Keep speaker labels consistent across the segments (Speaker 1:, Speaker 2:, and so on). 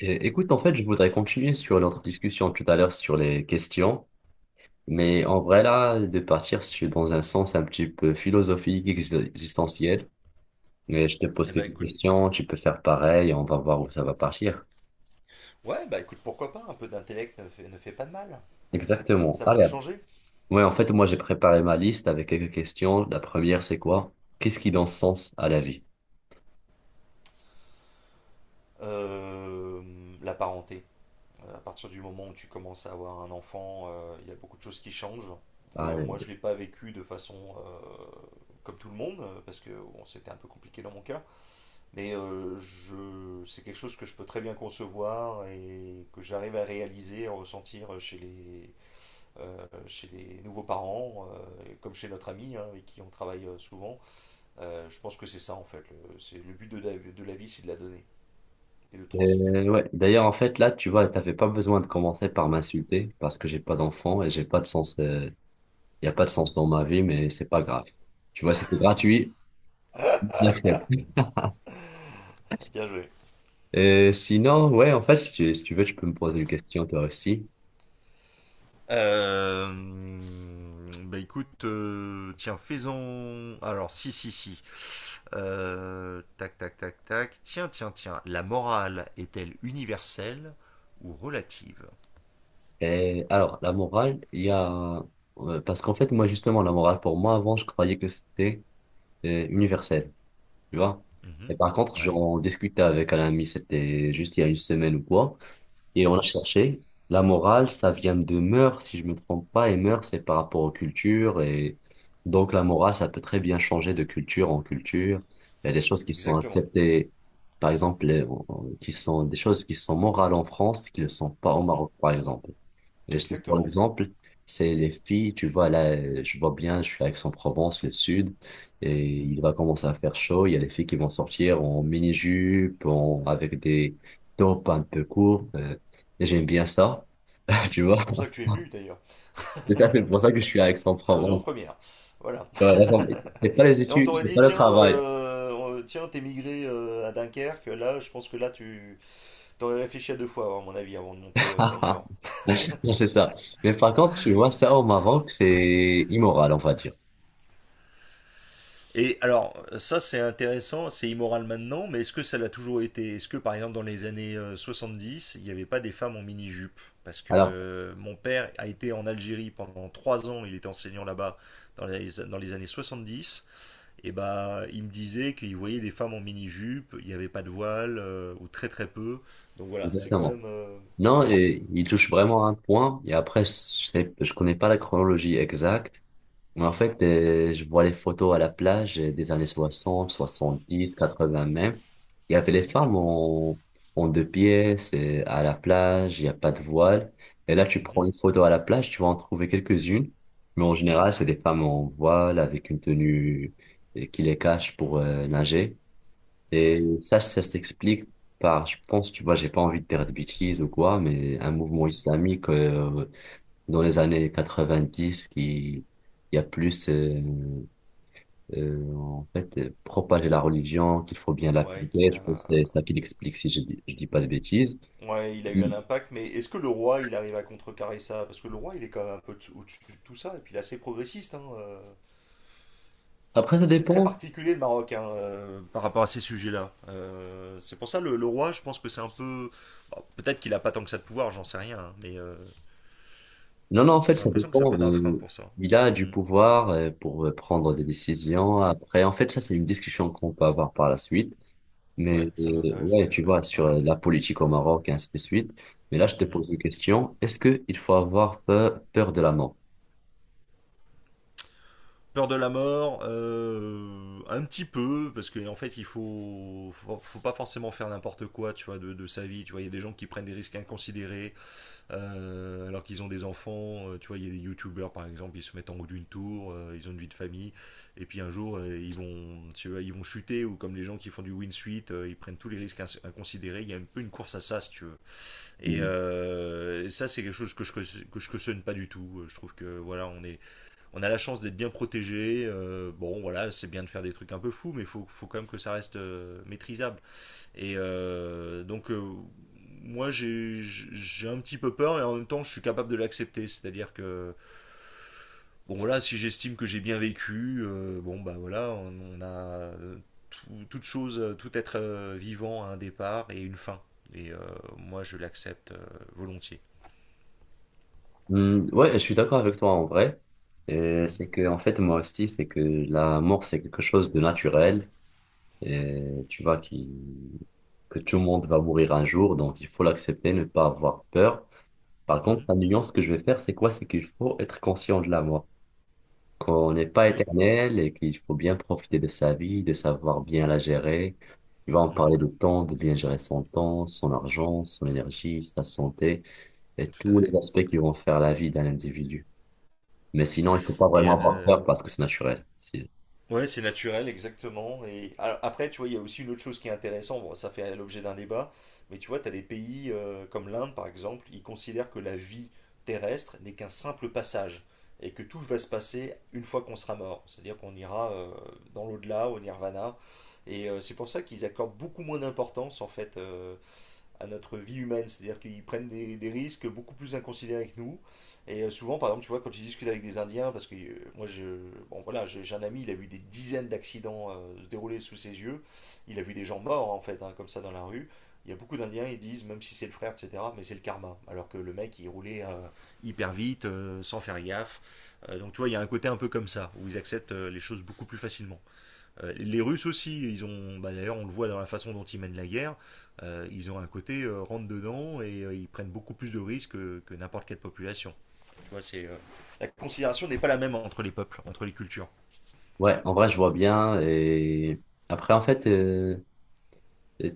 Speaker 1: Écoute, en fait, je voudrais continuer sur notre discussion tout à l'heure sur les questions, mais en vrai, là, de partir sur, dans un sens un petit peu philosophique, existentiel. Mais je te pose
Speaker 2: Eh ben
Speaker 1: quelques
Speaker 2: écoute,
Speaker 1: questions, tu peux faire pareil, on va voir où ça va partir.
Speaker 2: ouais, bah écoute, pourquoi pas, un peu d'intellect ne fait pas de mal.
Speaker 1: Exactement.
Speaker 2: Ça va nous
Speaker 1: Allez.
Speaker 2: changer.
Speaker 1: Ouais, en fait, moi, j'ai préparé ma liste avec quelques questions. La première, c'est quoi? Qu'est-ce qui donne sens à la vie?
Speaker 2: La parenté. À partir du moment où tu commences à avoir un enfant, il y a beaucoup de choses qui changent. Moi,
Speaker 1: Allez.
Speaker 2: je ne l'ai pas vécu de façon comme tout le monde, parce que bon, c'était un peu compliqué dans mon cas. Mais c'est quelque chose que je peux très bien concevoir et que j'arrive à réaliser, à ressentir chez les nouveaux parents, comme chez notre ami, hein, avec qui on travaille souvent. Je pense que c'est ça en fait. Le but de la vie, c'est de la donner et de transmettre.
Speaker 1: Ouais. D'ailleurs, en fait, là, tu vois, t'avais pas besoin de commencer par m'insulter parce que j'ai pas d'enfant et j'ai pas de sens. Il n'y a pas de sens dans ma vie, mais c'est pas grave. Tu vois, c'était gratuit, j'accepte.
Speaker 2: Bien joué.
Speaker 1: Sinon, ouais, en fait, si tu veux, tu peux me poser une question, toi aussi.
Speaker 2: Bah écoute, tiens, faisons. Alors, si, si, si. Tac, tac, tac, tac. Tiens, tiens, tiens. La morale est-elle universelle ou relative?
Speaker 1: Et alors, la morale, Parce qu'en fait, moi, justement, la morale, pour moi, avant, je croyais que c'était universel, tu vois.
Speaker 2: Mhm.
Speaker 1: Et par contre,
Speaker 2: Ouais.
Speaker 1: j'en discutais avec un ami, c'était juste il y a une semaine ou quoi. Et on a
Speaker 2: Mhm.
Speaker 1: cherché. La morale, ça vient de mœurs, si je me trompe pas. Et mœurs, c'est par rapport aux cultures. Et donc, la morale, ça peut très bien changer de culture en culture. Il y a des choses qui sont
Speaker 2: Exactement.
Speaker 1: acceptées, par exemple, qui sont des choses qui sont morales en France, qui ne le sont pas au
Speaker 2: Mhm.
Speaker 1: Maroc, par exemple. Par
Speaker 2: Exactement.
Speaker 1: exemple, c'est les filles, tu vois, là, je vois bien, je suis à Aix-en-Provence, le sud, et
Speaker 2: Mhm.
Speaker 1: il va commencer à faire chaud. Il y a les filles qui vont sortir en mini-jupe, avec des tops un peu courts, et j'aime bien ça, tu
Speaker 2: Ah bah,
Speaker 1: vois.
Speaker 2: c'est pour ça que tu es venu d'ailleurs.
Speaker 1: C'est tout à fait pour ça que je suis à
Speaker 2: C'est la raison
Speaker 1: Aix-en-Provence.
Speaker 2: première. Voilà.
Speaker 1: Ouais, vraiment, c'est pas les
Speaker 2: Et on
Speaker 1: études,
Speaker 2: t'aurait
Speaker 1: c'est
Speaker 2: dit,
Speaker 1: pas le
Speaker 2: tiens,
Speaker 1: travail.
Speaker 2: euh, tiens, t'es migré à Dunkerque, là, je pense que là, tu t'aurais réfléchi à deux fois, à mon avis, avant de monter dans le Nord.
Speaker 1: Non, c'est ça. Mais par contre, tu vois, ça au Maroc, c'est immoral, on va dire.
Speaker 2: Et alors, ça c'est intéressant, c'est immoral maintenant, mais est-ce que ça l'a toujours été? Est-ce que par exemple dans les années dix il n'y avait pas des femmes en mini-jupe? Parce que
Speaker 1: Alors,
Speaker 2: mon père a été en Algérie pendant 3 ans, il était enseignant là-bas dans les années 70. Et bah, il me disait qu'il voyait des femmes en mini-jupe, il n'y avait pas de voile, ou très très peu. Donc voilà, c'est quand
Speaker 1: exactement.
Speaker 2: même,
Speaker 1: Non,
Speaker 2: voilà.
Speaker 1: et il touche vraiment à un point. Et après, je sais, je connais pas la chronologie exacte. Mais en
Speaker 2: Mhm,
Speaker 1: fait, je vois les photos à la plage des années soixante, soixante-dix, quatre 80 même. Il y avait les
Speaker 2: mhm,
Speaker 1: femmes en, en deux pièces à la plage, il n'y a pas de voile. Et là, tu prends
Speaker 2: mhm,
Speaker 1: une photo à la plage, tu vas en trouver quelques-unes. Mais en
Speaker 2: mhm.
Speaker 1: général, c'est des femmes en voile avec une tenue qui les cache pour nager. Et
Speaker 2: Ouais.
Speaker 1: ça s'explique par, je pense, tu vois, j'ai pas envie de dire de bêtises ou quoi, mais un mouvement
Speaker 2: Mhm.
Speaker 1: islamique dans les années 90 qui, il y a plus, en fait, propager la religion, qu'il faut bien
Speaker 2: Ouais,
Speaker 1: l'appliquer.
Speaker 2: qui
Speaker 1: Je
Speaker 2: a...
Speaker 1: pense que c'est ça qui l'explique si je dis, je dis pas de bêtises.
Speaker 2: ouais, il a eu
Speaker 1: Mm.
Speaker 2: un impact, mais est-ce que le roi, il arrive à contrecarrer ça? Parce que le roi, il est quand même un peu au-dessus de tout ça, et puis il est assez progressiste, hein.
Speaker 1: Après, ça
Speaker 2: C'est très
Speaker 1: dépend.
Speaker 2: particulier le Maroc, hein, par rapport à ces sujets-là. C'est pour ça le roi, je pense que c'est un peu, bon, peut-être qu'il a pas tant que ça de pouvoir, j'en sais rien, hein, mais.
Speaker 1: Non, non, en fait,
Speaker 2: J'ai
Speaker 1: ça
Speaker 2: l'impression que ça peut
Speaker 1: dépend.
Speaker 2: être un frein pour ça.
Speaker 1: Il a du
Speaker 2: Mhm.
Speaker 1: pouvoir pour prendre des décisions. Après, en fait, ça, c'est une discussion qu'on peut avoir par la suite.
Speaker 2: Ouais,
Speaker 1: Mais
Speaker 2: ça
Speaker 1: ouais,
Speaker 2: m'intéresserait,
Speaker 1: tu vois,
Speaker 2: ouais.
Speaker 1: sur
Speaker 2: Ouais.
Speaker 1: la politique au Maroc et ainsi de suite. Mais là, je te
Speaker 2: Mhm.
Speaker 1: pose une question. Est-ce qu'il faut avoir peur de la mort?
Speaker 2: Peur de la mort, un petit peu, parce qu'en en fait, il faut pas forcément faire n'importe quoi, tu vois, de sa vie. Tu vois, il y a des gens qui prennent des risques inconsidérés alors qu'ils ont des enfants. Tu vois, il y a des youtubeurs par exemple, ils se mettent en haut d'une tour, ils ont une vie de famille, et puis un jour, ils vont, tu vois, ils vont chuter ou comme les gens qui font du win suite, ils prennent tous les risques inconsidérés. Il y a un peu une course à ça, si tu veux. Et
Speaker 1: Hmm.
Speaker 2: ça, c'est quelque chose que je cautionne pas du tout. Je trouve que voilà, on a la chance d'être bien protégé. Bon, voilà, c'est bien de faire des trucs un peu fous, mais faut quand même que ça reste maîtrisable. Et donc, moi, j'ai un petit peu peur et en même temps, je suis capable de l'accepter. C'est-à-dire que, bon, voilà, si j'estime que j'ai bien vécu, bon, bah voilà, on a toute chose, tout être vivant à un départ et une fin. Et moi, je l'accepte volontiers.
Speaker 1: Hmm, ouais, je suis d'accord avec toi en vrai. C'est
Speaker 2: Mm.
Speaker 1: que, en fait, moi aussi, c'est que la mort, c'est quelque chose de naturel. Et tu vois, qui, que tout le monde va mourir un jour, donc il faut l'accepter, ne pas avoir peur. Par contre,
Speaker 2: Mhm.
Speaker 1: la nuance que je vais faire, c'est quoi? C'est qu'il faut être conscient de la mort, qu'on n'est pas
Speaker 2: Oui.
Speaker 1: éternel et qu'il faut bien profiter de sa vie, de savoir bien la gérer. Tu vas en parler
Speaker 2: Mhm.
Speaker 1: de temps, de bien gérer son temps, son argent, son énergie, sa santé et
Speaker 2: Tout à
Speaker 1: tous
Speaker 2: fait.
Speaker 1: les aspects qui vont faire la vie d'un individu. Mais sinon, il ne faut pas
Speaker 2: Et
Speaker 1: vraiment avoir peur parce que c'est naturel. Si-
Speaker 2: ouais, c'est naturel, exactement. Et alors, après, tu vois, il y a aussi une autre chose qui est intéressante. Bon, ça fait l'objet d'un débat, mais tu vois, tu as des pays comme l'Inde, par exemple, ils considèrent que la vie terrestre n'est qu'un simple passage et que tout va se passer une fois qu'on sera mort. C'est-à-dire qu'on ira dans l'au-delà, au nirvana. Et c'est pour ça qu'ils accordent beaucoup moins d'importance, en fait, à notre vie humaine, c'est-à-dire qu'ils prennent des risques beaucoup plus inconsidérés que nous. Et souvent, par exemple, tu vois, quand je discute avec des Indiens, parce que bon, voilà, j'ai un ami, il a vu des dizaines d'accidents se dérouler sous ses yeux, il a vu des gens morts, en fait, hein, comme ça, dans la rue. Il y a beaucoup d'Indiens, ils disent, même si c'est le frère, etc., mais c'est le karma. Alors que le mec, il roulait hyper vite, sans faire gaffe. Donc, tu vois, il y a un côté un peu comme ça, où ils acceptent les choses beaucoup plus facilement. Les Russes aussi, bah, d'ailleurs, on le voit dans la façon dont ils mènent la guerre, ils ont un côté rentre dedans et ils prennent beaucoup plus de risques que n'importe quelle population. Tu vois, la considération n'est pas la même entre les peuples, entre les cultures.
Speaker 1: Ouais, en vrai, je vois bien. Et après, en fait,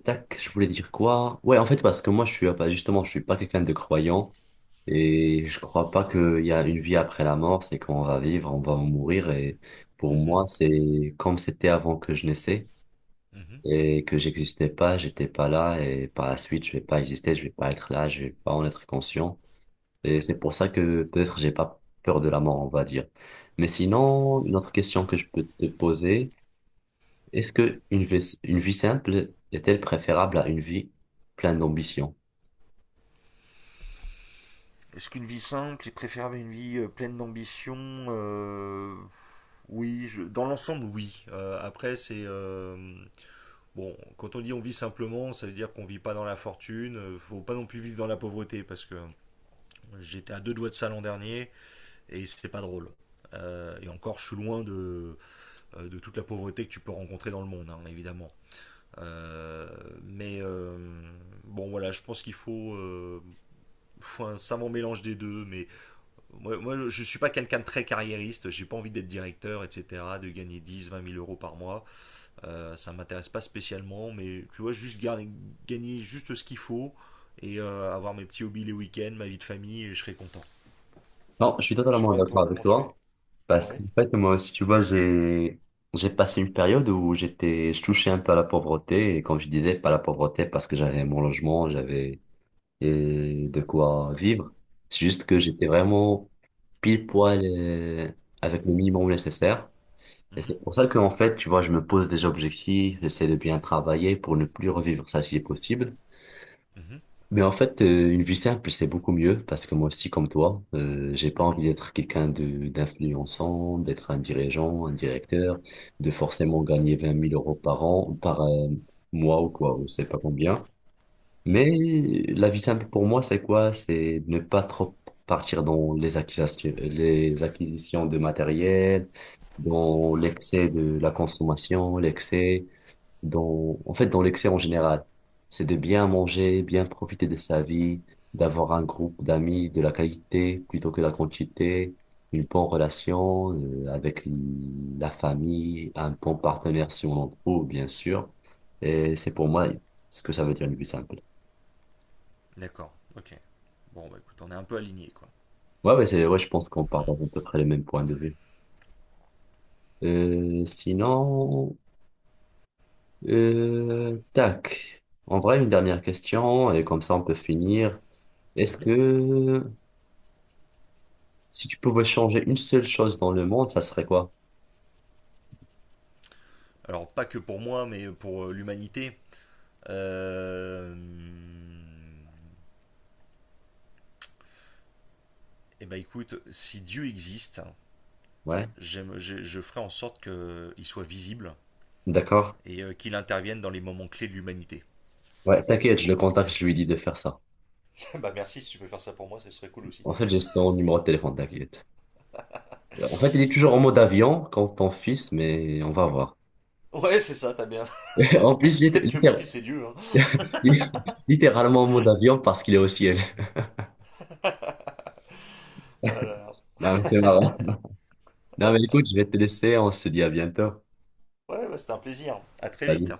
Speaker 1: tac, je voulais dire quoi? Ouais, en fait, parce que moi, je suis justement, je suis pas quelqu'un de croyant. Et je crois pas qu'il y a une vie après la mort, c'est qu'on va vivre, on va mourir. Et pour
Speaker 2: Mhm,
Speaker 1: moi, c'est comme c'était avant que je naissais
Speaker 2: mhm,
Speaker 1: et que j'existais pas, j'étais pas là et par la suite, je vais pas exister, je vais pas être là, je vais pas en être conscient. Et
Speaker 2: mhm.
Speaker 1: c'est pour ça que peut-être j'ai pas peur de la mort, on va dire. Mais sinon, une autre question que je peux te poser, est-ce que une vie simple est-elle préférable à une vie pleine d'ambition?
Speaker 2: Est-ce qu'une vie simple est préférable à une vie pleine d'ambition? Euh, Oui, dans l'ensemble, oui. Après, c'est bon. Quand on dit on vit simplement, ça veut dire qu'on vit pas dans la fortune. Faut pas non plus vivre dans la pauvreté parce que j'étais à deux doigts de ça l'an dernier. Et c'est pas drôle. Et encore, je suis loin de toute la pauvreté que tu peux rencontrer dans le monde, hein, évidemment. Mais bon, voilà, je pense qu'il faut un savant mélange des deux. Mais moi je suis pas quelqu'un de très carriériste, j'ai pas envie d'être directeur, etc., de gagner dix vingt mille euros par mois. Ça m'intéresse pas spécialement, mais tu vois, juste gagner juste ce qu'il faut et avoir mes petits hobbies les week-ends, ma vie de famille, et je serai content.
Speaker 1: Non, je suis
Speaker 2: Je sais
Speaker 1: totalement
Speaker 2: pas,
Speaker 1: d'accord
Speaker 2: toi,
Speaker 1: avec
Speaker 2: comment tu es?
Speaker 1: toi. Parce
Speaker 2: Ouais.
Speaker 1: qu'en fait, moi aussi, tu vois, j'ai passé une période où j'étais, je touchais un peu à la pauvreté. Et quand je disais pas la pauvreté, parce que j'avais mon logement, j'avais et de quoi vivre. C'est juste que
Speaker 2: Mmh.
Speaker 1: j'étais vraiment pile poil avec le minimum nécessaire. Et
Speaker 2: Mmh.
Speaker 1: c'est pour ça que, en fait, tu vois, je me pose des objectifs, j'essaie de bien travailler pour ne plus revivre ça si possible.
Speaker 2: Mmh.
Speaker 1: Mais en fait, une vie simple, c'est beaucoup mieux parce que moi aussi, comme toi, j'ai pas envie
Speaker 2: Mhm,
Speaker 1: d'être quelqu'un de d'influençant, d'être un dirigeant, un directeur, de forcément gagner 20 000 € par an, par mois ou quoi, ou je sais pas combien. Mais
Speaker 2: mhm.
Speaker 1: la vie simple pour moi, c'est quoi? C'est ne pas trop partir dans les acquisitions de matériel, dans l'excès de la consommation, l'excès dans, en fait, dans l'excès en général. C'est de bien manger, bien profiter de sa vie, d'avoir un groupe d'amis de la qualité plutôt que la quantité, une bonne relation avec la famille, un bon partenaire si on en trouve, bien sûr. Et c'est pour moi ce que ça veut dire le plus simple.
Speaker 2: D'accord, ok. Bon, bah écoute, on est un peu aligné, quoi.
Speaker 1: Ouais, mais c'est, ouais, je pense qu'on
Speaker 2: Mhm,
Speaker 1: partage à peu près les mêmes points de vue. Euh, sinon, Tac. En vrai, une dernière question, et comme ça on peut finir. Est-ce
Speaker 2: mhm.
Speaker 1: que si tu pouvais changer une seule chose dans le monde, ça serait quoi?
Speaker 2: Alors, pas que pour moi, mais pour l'humanité. Euh... Eh ben écoute, si Dieu existe,
Speaker 1: Ouais,
Speaker 2: je ferai en sorte qu'il soit visible
Speaker 1: d'accord.
Speaker 2: et qu'il intervienne dans les moments clés de l'humanité.
Speaker 1: Ouais, t'inquiète, je le contacte, je lui dis de faire ça.
Speaker 2: Bah merci, si tu peux faire ça pour moi, ce serait cool aussi.
Speaker 1: En fait, j'ai son numéro de téléphone, t'inquiète. En fait, il est toujours en mode avion quand ton fils, mais on va voir.
Speaker 2: Ouais, c'est ça, t'as bien.
Speaker 1: En plus, il est
Speaker 2: Peut-être que mon
Speaker 1: littér-
Speaker 2: fils est Dieu, hein.
Speaker 1: littéralement en mode avion parce qu'il est au ciel.
Speaker 2: Ah là là.
Speaker 1: Non, mais c'est marrant. Non, mais écoute, je vais te laisser, on se dit à bientôt.
Speaker 2: Ouais, bah, c'était un plaisir. À très vite!
Speaker 1: Salut.